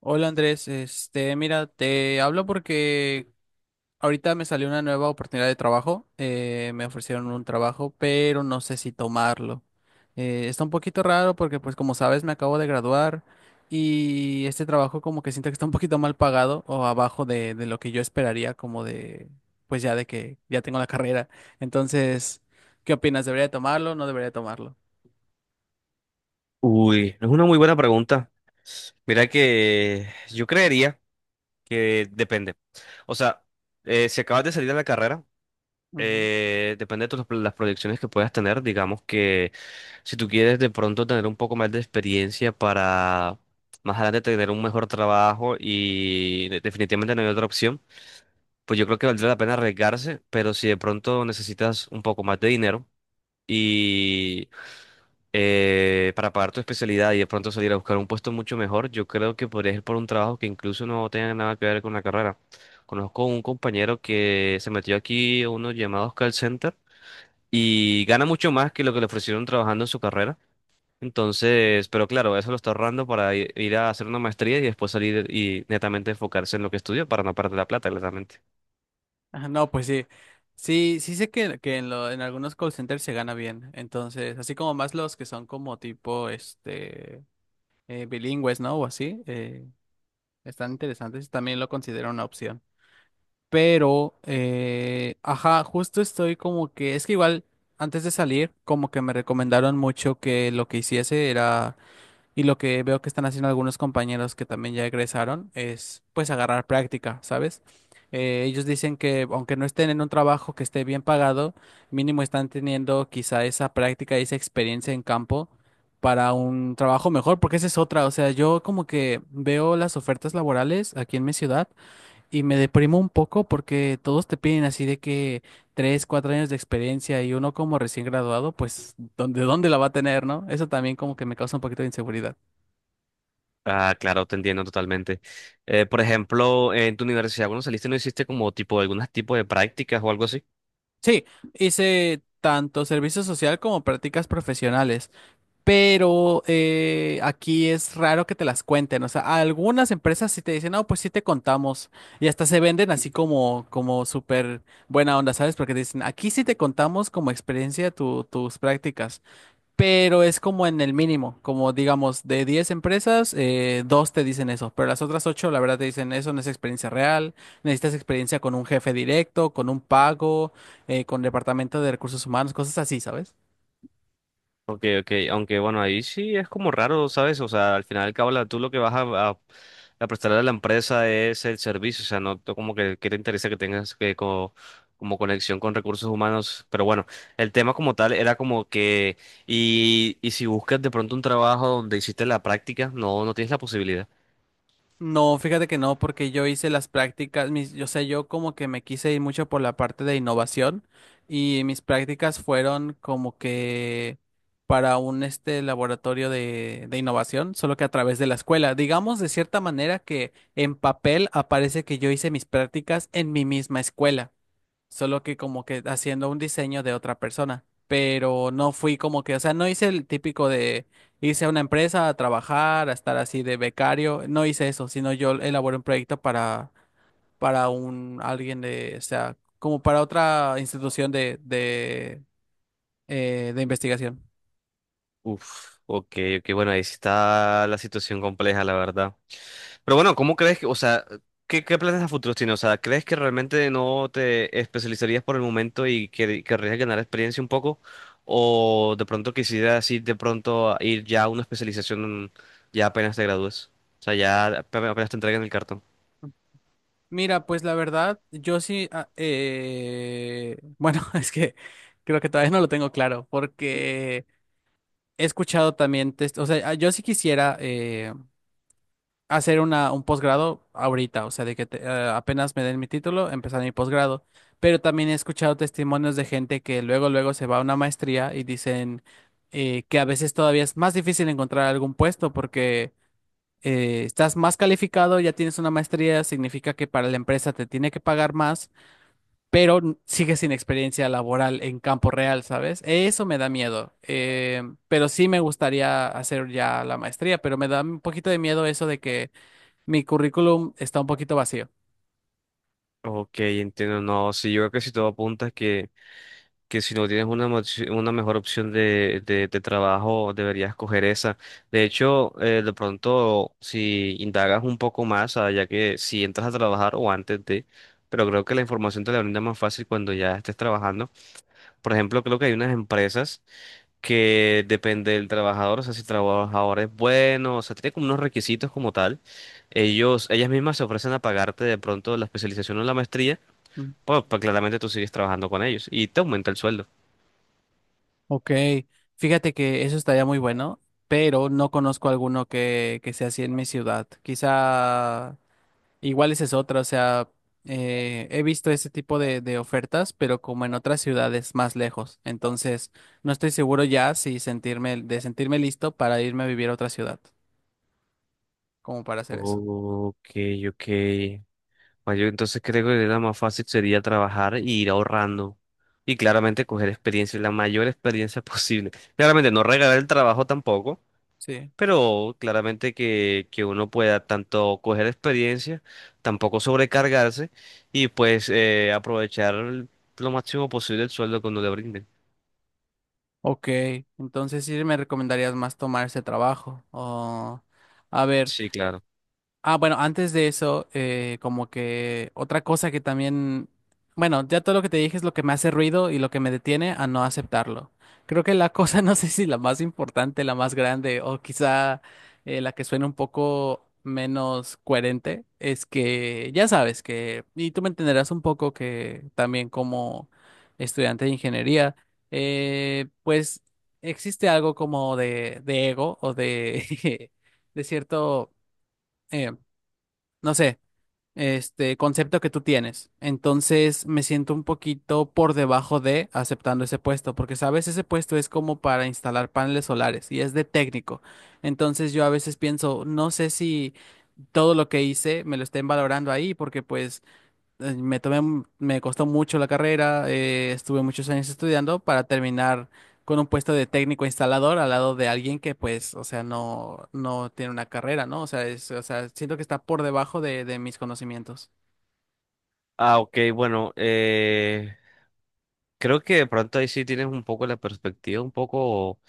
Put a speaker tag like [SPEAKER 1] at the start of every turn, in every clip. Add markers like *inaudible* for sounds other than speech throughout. [SPEAKER 1] Hola Andrés, mira, te hablo porque ahorita me salió una nueva oportunidad de trabajo. Me ofrecieron un trabajo, pero no sé si tomarlo. Está un poquito raro porque, pues, como sabes, me acabo de graduar y este trabajo como que siento que está un poquito mal pagado o abajo de lo que yo esperaría, como de, pues ya de que ya tengo la carrera. Entonces, ¿qué opinas? ¿Debería de tomarlo o no debería de tomarlo?
[SPEAKER 2] Uy, es una muy buena pregunta. Mira que yo creería que depende. O sea, si acabas de salir de la carrera, depende de las proyecciones que puedas tener. Digamos que si tú quieres de pronto tener un poco más de experiencia para más adelante tener un mejor trabajo y definitivamente no hay otra opción, pues yo creo que valdría la pena arriesgarse, pero si de pronto necesitas un poco más de dinero y para pagar tu especialidad y de pronto salir a buscar un puesto mucho mejor, yo creo que podrías ir por un trabajo que incluso no tenga nada que ver con la carrera. Conozco un compañero que se metió aquí a unos llamados call center y gana mucho más que lo que le ofrecieron trabajando en su carrera. Entonces, pero claro, eso lo está ahorrando para ir a hacer una maestría y después salir y netamente enfocarse en lo que estudió para no perder la plata, claramente.
[SPEAKER 1] Ajá. No, pues sí. Sí, sí sé que en, en algunos call centers se gana bien. Entonces, así como más los que son como tipo bilingües, ¿no? O así, están interesantes. También lo considero una opción. Pero, ajá, justo estoy como que, es que igual antes de salir, como que me recomendaron mucho que lo que hiciese era y lo que veo que están haciendo algunos compañeros que también ya egresaron es pues agarrar práctica, ¿sabes? Ellos dicen que aunque no estén en un trabajo que esté bien pagado, mínimo están teniendo quizá esa práctica y esa experiencia en campo para un trabajo mejor, porque esa es otra. O sea, yo como que veo las ofertas laborales aquí en mi ciudad y me deprimo un poco porque todos te piden así de que tres, cuatro años de experiencia y uno como recién graduado, pues, ¿dónde la va a tener, no? Eso también como que me causa un poquito de inseguridad.
[SPEAKER 2] Ah, claro, te entiendo totalmente. Por ejemplo, en tu universidad, cuando saliste, ¿no hiciste como tipo algunos tipos de prácticas o algo así?
[SPEAKER 1] Sí, hice tanto servicio social como prácticas profesionales, pero aquí es raro que te las cuenten. O sea, algunas empresas sí te dicen, no, pues sí te contamos. Y hasta se venden así como, como súper buena onda, ¿sabes? Porque te dicen, aquí sí te contamos como experiencia tus prácticas, pero es como en el mínimo, como digamos, de 10 empresas, dos te dicen eso, pero las otras ocho, la verdad, te dicen eso no es experiencia real, necesitas experiencia con un jefe directo, con un pago, con departamento de recursos humanos, cosas así, ¿sabes?
[SPEAKER 2] Okay, okay, aunque bueno, ahí sí es como raro, ¿sabes? O sea, al final del cabo, tú lo que vas a, a prestarle a la empresa es el servicio, o sea, no tú como que te interesa que tengas que como, como conexión con recursos humanos. Pero bueno, el tema como tal era como que, y si buscas de pronto un trabajo donde hiciste la práctica, no, no tienes la posibilidad.
[SPEAKER 1] No, fíjate que no, porque yo hice las prácticas, mis, yo sé, yo como que me quise ir mucho por la parte de innovación y mis prácticas fueron como que para un este laboratorio de innovación, solo que a través de la escuela. Digamos de cierta manera que en papel aparece que yo hice mis prácticas en mi misma escuela solo que como que haciendo un diseño de otra persona. Pero no fui como que, o sea, no hice el típico de irse a una empresa a trabajar, a estar así de becario. No hice eso, sino yo elaboré un proyecto para un alguien de, o sea, como para otra institución de investigación.
[SPEAKER 2] Uf, ok, ok, bueno, ahí sí está la situación compleja, la verdad. Pero bueno, ¿cómo crees que, o sea, qué planes a futuros tienes? O sea, ¿crees que realmente no te especializarías por el momento y que querrías ganar experiencia un poco? ¿O de pronto quisieras ir de pronto a ir ya a una especialización ya apenas te gradúes? O sea, ya apenas apenas te entreguen el cartón.
[SPEAKER 1] Mira, pues la verdad, yo sí, bueno, *laughs* es que creo que todavía no lo tengo claro, porque he escuchado también, o sea, yo sí quisiera hacer un posgrado ahorita, o sea, de que apenas me den mi título, empezar mi posgrado. Pero también he escuchado testimonios de gente que luego, luego se va a una maestría y dicen que a veces todavía es más difícil encontrar algún puesto porque estás más calificado, ya tienes una maestría, significa que para la empresa te tiene que pagar más, pero sigues sin experiencia laboral en campo real, ¿sabes? Eso me da miedo. Pero sí me gustaría hacer ya la maestría, pero me da un poquito de miedo eso de que mi currículum está un poquito vacío.
[SPEAKER 2] Ok, entiendo, no, sí, yo creo que si todo apunta es que si no tienes una, una mejor opción de trabajo, deberías coger esa. De hecho, de pronto, si indagas un poco más, ah, ya que si entras a trabajar o antes de, pero creo que la información te la brinda más fácil cuando ya estés trabajando. Por ejemplo, creo que hay unas empresas que depende del trabajador, o sea, si el trabajador es bueno, o sea, tiene como unos requisitos como tal. Ellos, ellas mismas se ofrecen a pagarte de pronto la especialización o la maestría,
[SPEAKER 1] Mm.
[SPEAKER 2] pues claramente tú sigues trabajando con ellos y te aumenta el sueldo.
[SPEAKER 1] Ok, fíjate que eso estaría muy bueno, pero no conozco alguno que sea así en mi ciudad. Quizá igual esa es otra, o sea, he visto ese tipo de ofertas, pero como en otras ciudades más lejos. Entonces, no estoy seguro ya si sentirme, de sentirme listo para irme a vivir a otra ciudad, como para hacer eso.
[SPEAKER 2] Ok, ok. Bueno, yo entonces creo que la más fácil sería trabajar y ir ahorrando. Y claramente coger experiencia, la mayor experiencia *laughs* posible. Claramente no regalar el trabajo tampoco,
[SPEAKER 1] Sí.
[SPEAKER 2] pero claramente que uno pueda tanto coger experiencia, tampoco sobrecargarse y pues aprovechar lo máximo posible el sueldo que uno le brinden.
[SPEAKER 1] Ok, entonces sí me recomendarías más tomar ese trabajo. O, a ver.
[SPEAKER 2] Sí, claro.
[SPEAKER 1] Ah, bueno, antes de eso, como que otra cosa que también, bueno, ya todo lo que te dije es lo que me hace ruido y lo que me detiene a no aceptarlo. Creo que la cosa, *laughs* no sé si la más importante, la más grande o quizá la que suena un poco menos coherente, es que ya sabes que, y tú me entenderás un poco que también como estudiante de ingeniería, pues existe algo como de ego o de, *laughs* de cierto... em, no sé, este concepto que tú tienes. Entonces me siento un poquito por debajo de aceptando ese puesto, porque sabes, ese puesto es como para instalar paneles solares y es de técnico. Entonces yo a veces pienso, no sé si todo lo que hice me lo estén valorando ahí, porque pues me tomé, me costó mucho la carrera, estuve muchos años estudiando para terminar con un puesto de técnico instalador al lado de alguien que pues, o sea, no tiene una carrera, ¿no? O sea, es, o sea, siento que está por debajo de mis conocimientos.
[SPEAKER 2] Ah, ok, bueno, creo que de pronto ahí sí tienes un poco la perspectiva, un poco.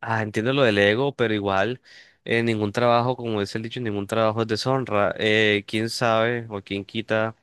[SPEAKER 2] Ah, entiendo lo del ego, pero igual ningún trabajo, como dice el dicho, ningún trabajo es deshonra. Quién sabe o quién quita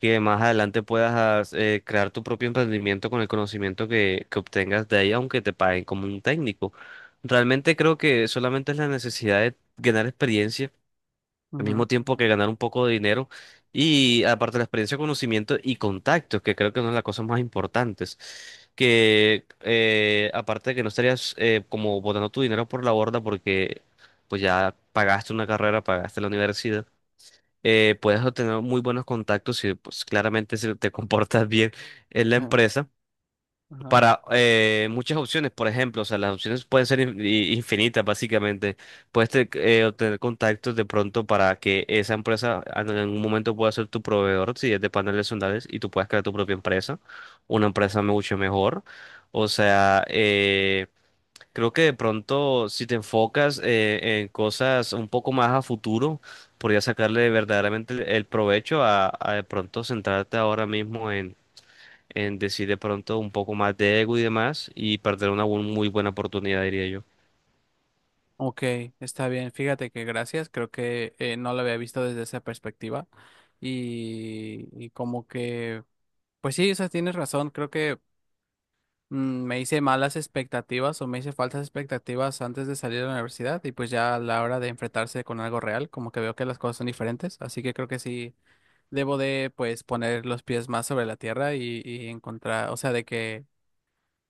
[SPEAKER 2] que más adelante puedas crear tu propio emprendimiento con el conocimiento que obtengas de ahí, aunque te paguen como un técnico. Realmente creo que solamente es la necesidad de ganar experiencia al mismo
[SPEAKER 1] Ujú,
[SPEAKER 2] tiempo que ganar un poco de dinero y aparte la experiencia, conocimiento y contactos, que creo que es una de las cosas más importantes, que aparte de que no estarías como botando tu dinero por la borda porque pues ya pagaste una carrera, pagaste la universidad. Puedes obtener muy buenos contactos si pues, claramente si te *laughs* comportas bien en la
[SPEAKER 1] ajá,
[SPEAKER 2] empresa
[SPEAKER 1] ajá.
[SPEAKER 2] para muchas opciones, por ejemplo, o sea, las opciones pueden ser infinitas, básicamente. Puedes obtener contactos de pronto para que esa empresa en algún momento pueda ser tu proveedor, si es de paneles solares, y tú puedas crear tu propia empresa, una empresa mucho mejor. O sea, creo que de pronto si te enfocas en cosas un poco más a futuro, podrías sacarle verdaderamente el provecho a de pronto centrarte ahora mismo en decir de pronto un poco más de ego y demás y perder una muy buena oportunidad, diría yo.
[SPEAKER 1] Ok, está bien, fíjate que gracias, creo que no lo había visto desde esa perspectiva y como que, pues sí, o sea, tienes razón, creo que mm, me hice malas expectativas o me hice falsas expectativas antes de salir de la universidad y pues ya a la hora de enfrentarse con algo real, como que veo que las cosas son diferentes, así que creo que sí debo de pues poner los pies más sobre la tierra y encontrar, o sea, de que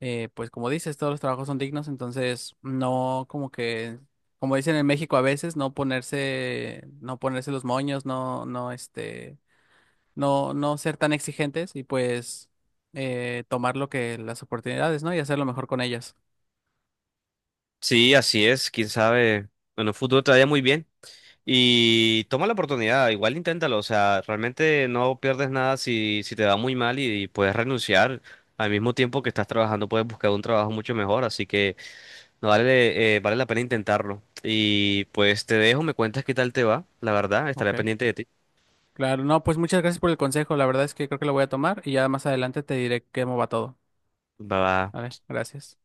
[SPEAKER 1] pues como dices, todos los trabajos son dignos, entonces no como que, como dicen en México a veces, no ponerse los moños, no no ser tan exigentes y pues tomar lo que las oportunidades, ¿no? Y hacerlo mejor con ellas.
[SPEAKER 2] Sí, así es, quién sabe. Bueno, el futuro te vaya muy bien y toma la oportunidad, igual inténtalo, o sea, realmente no pierdes nada si, si te va muy mal y, puedes renunciar. Al mismo tiempo que estás trabajando, puedes buscar un trabajo mucho mejor, así que no vale, vale la pena intentarlo. Y pues te dejo, me cuentas qué tal te va, la verdad,
[SPEAKER 1] Ok.
[SPEAKER 2] estaré pendiente de ti.
[SPEAKER 1] Claro, no, pues muchas gracias por el consejo. La verdad es que creo que lo voy a tomar y ya más adelante te diré cómo va todo.
[SPEAKER 2] Bye bye.
[SPEAKER 1] Vale, gracias.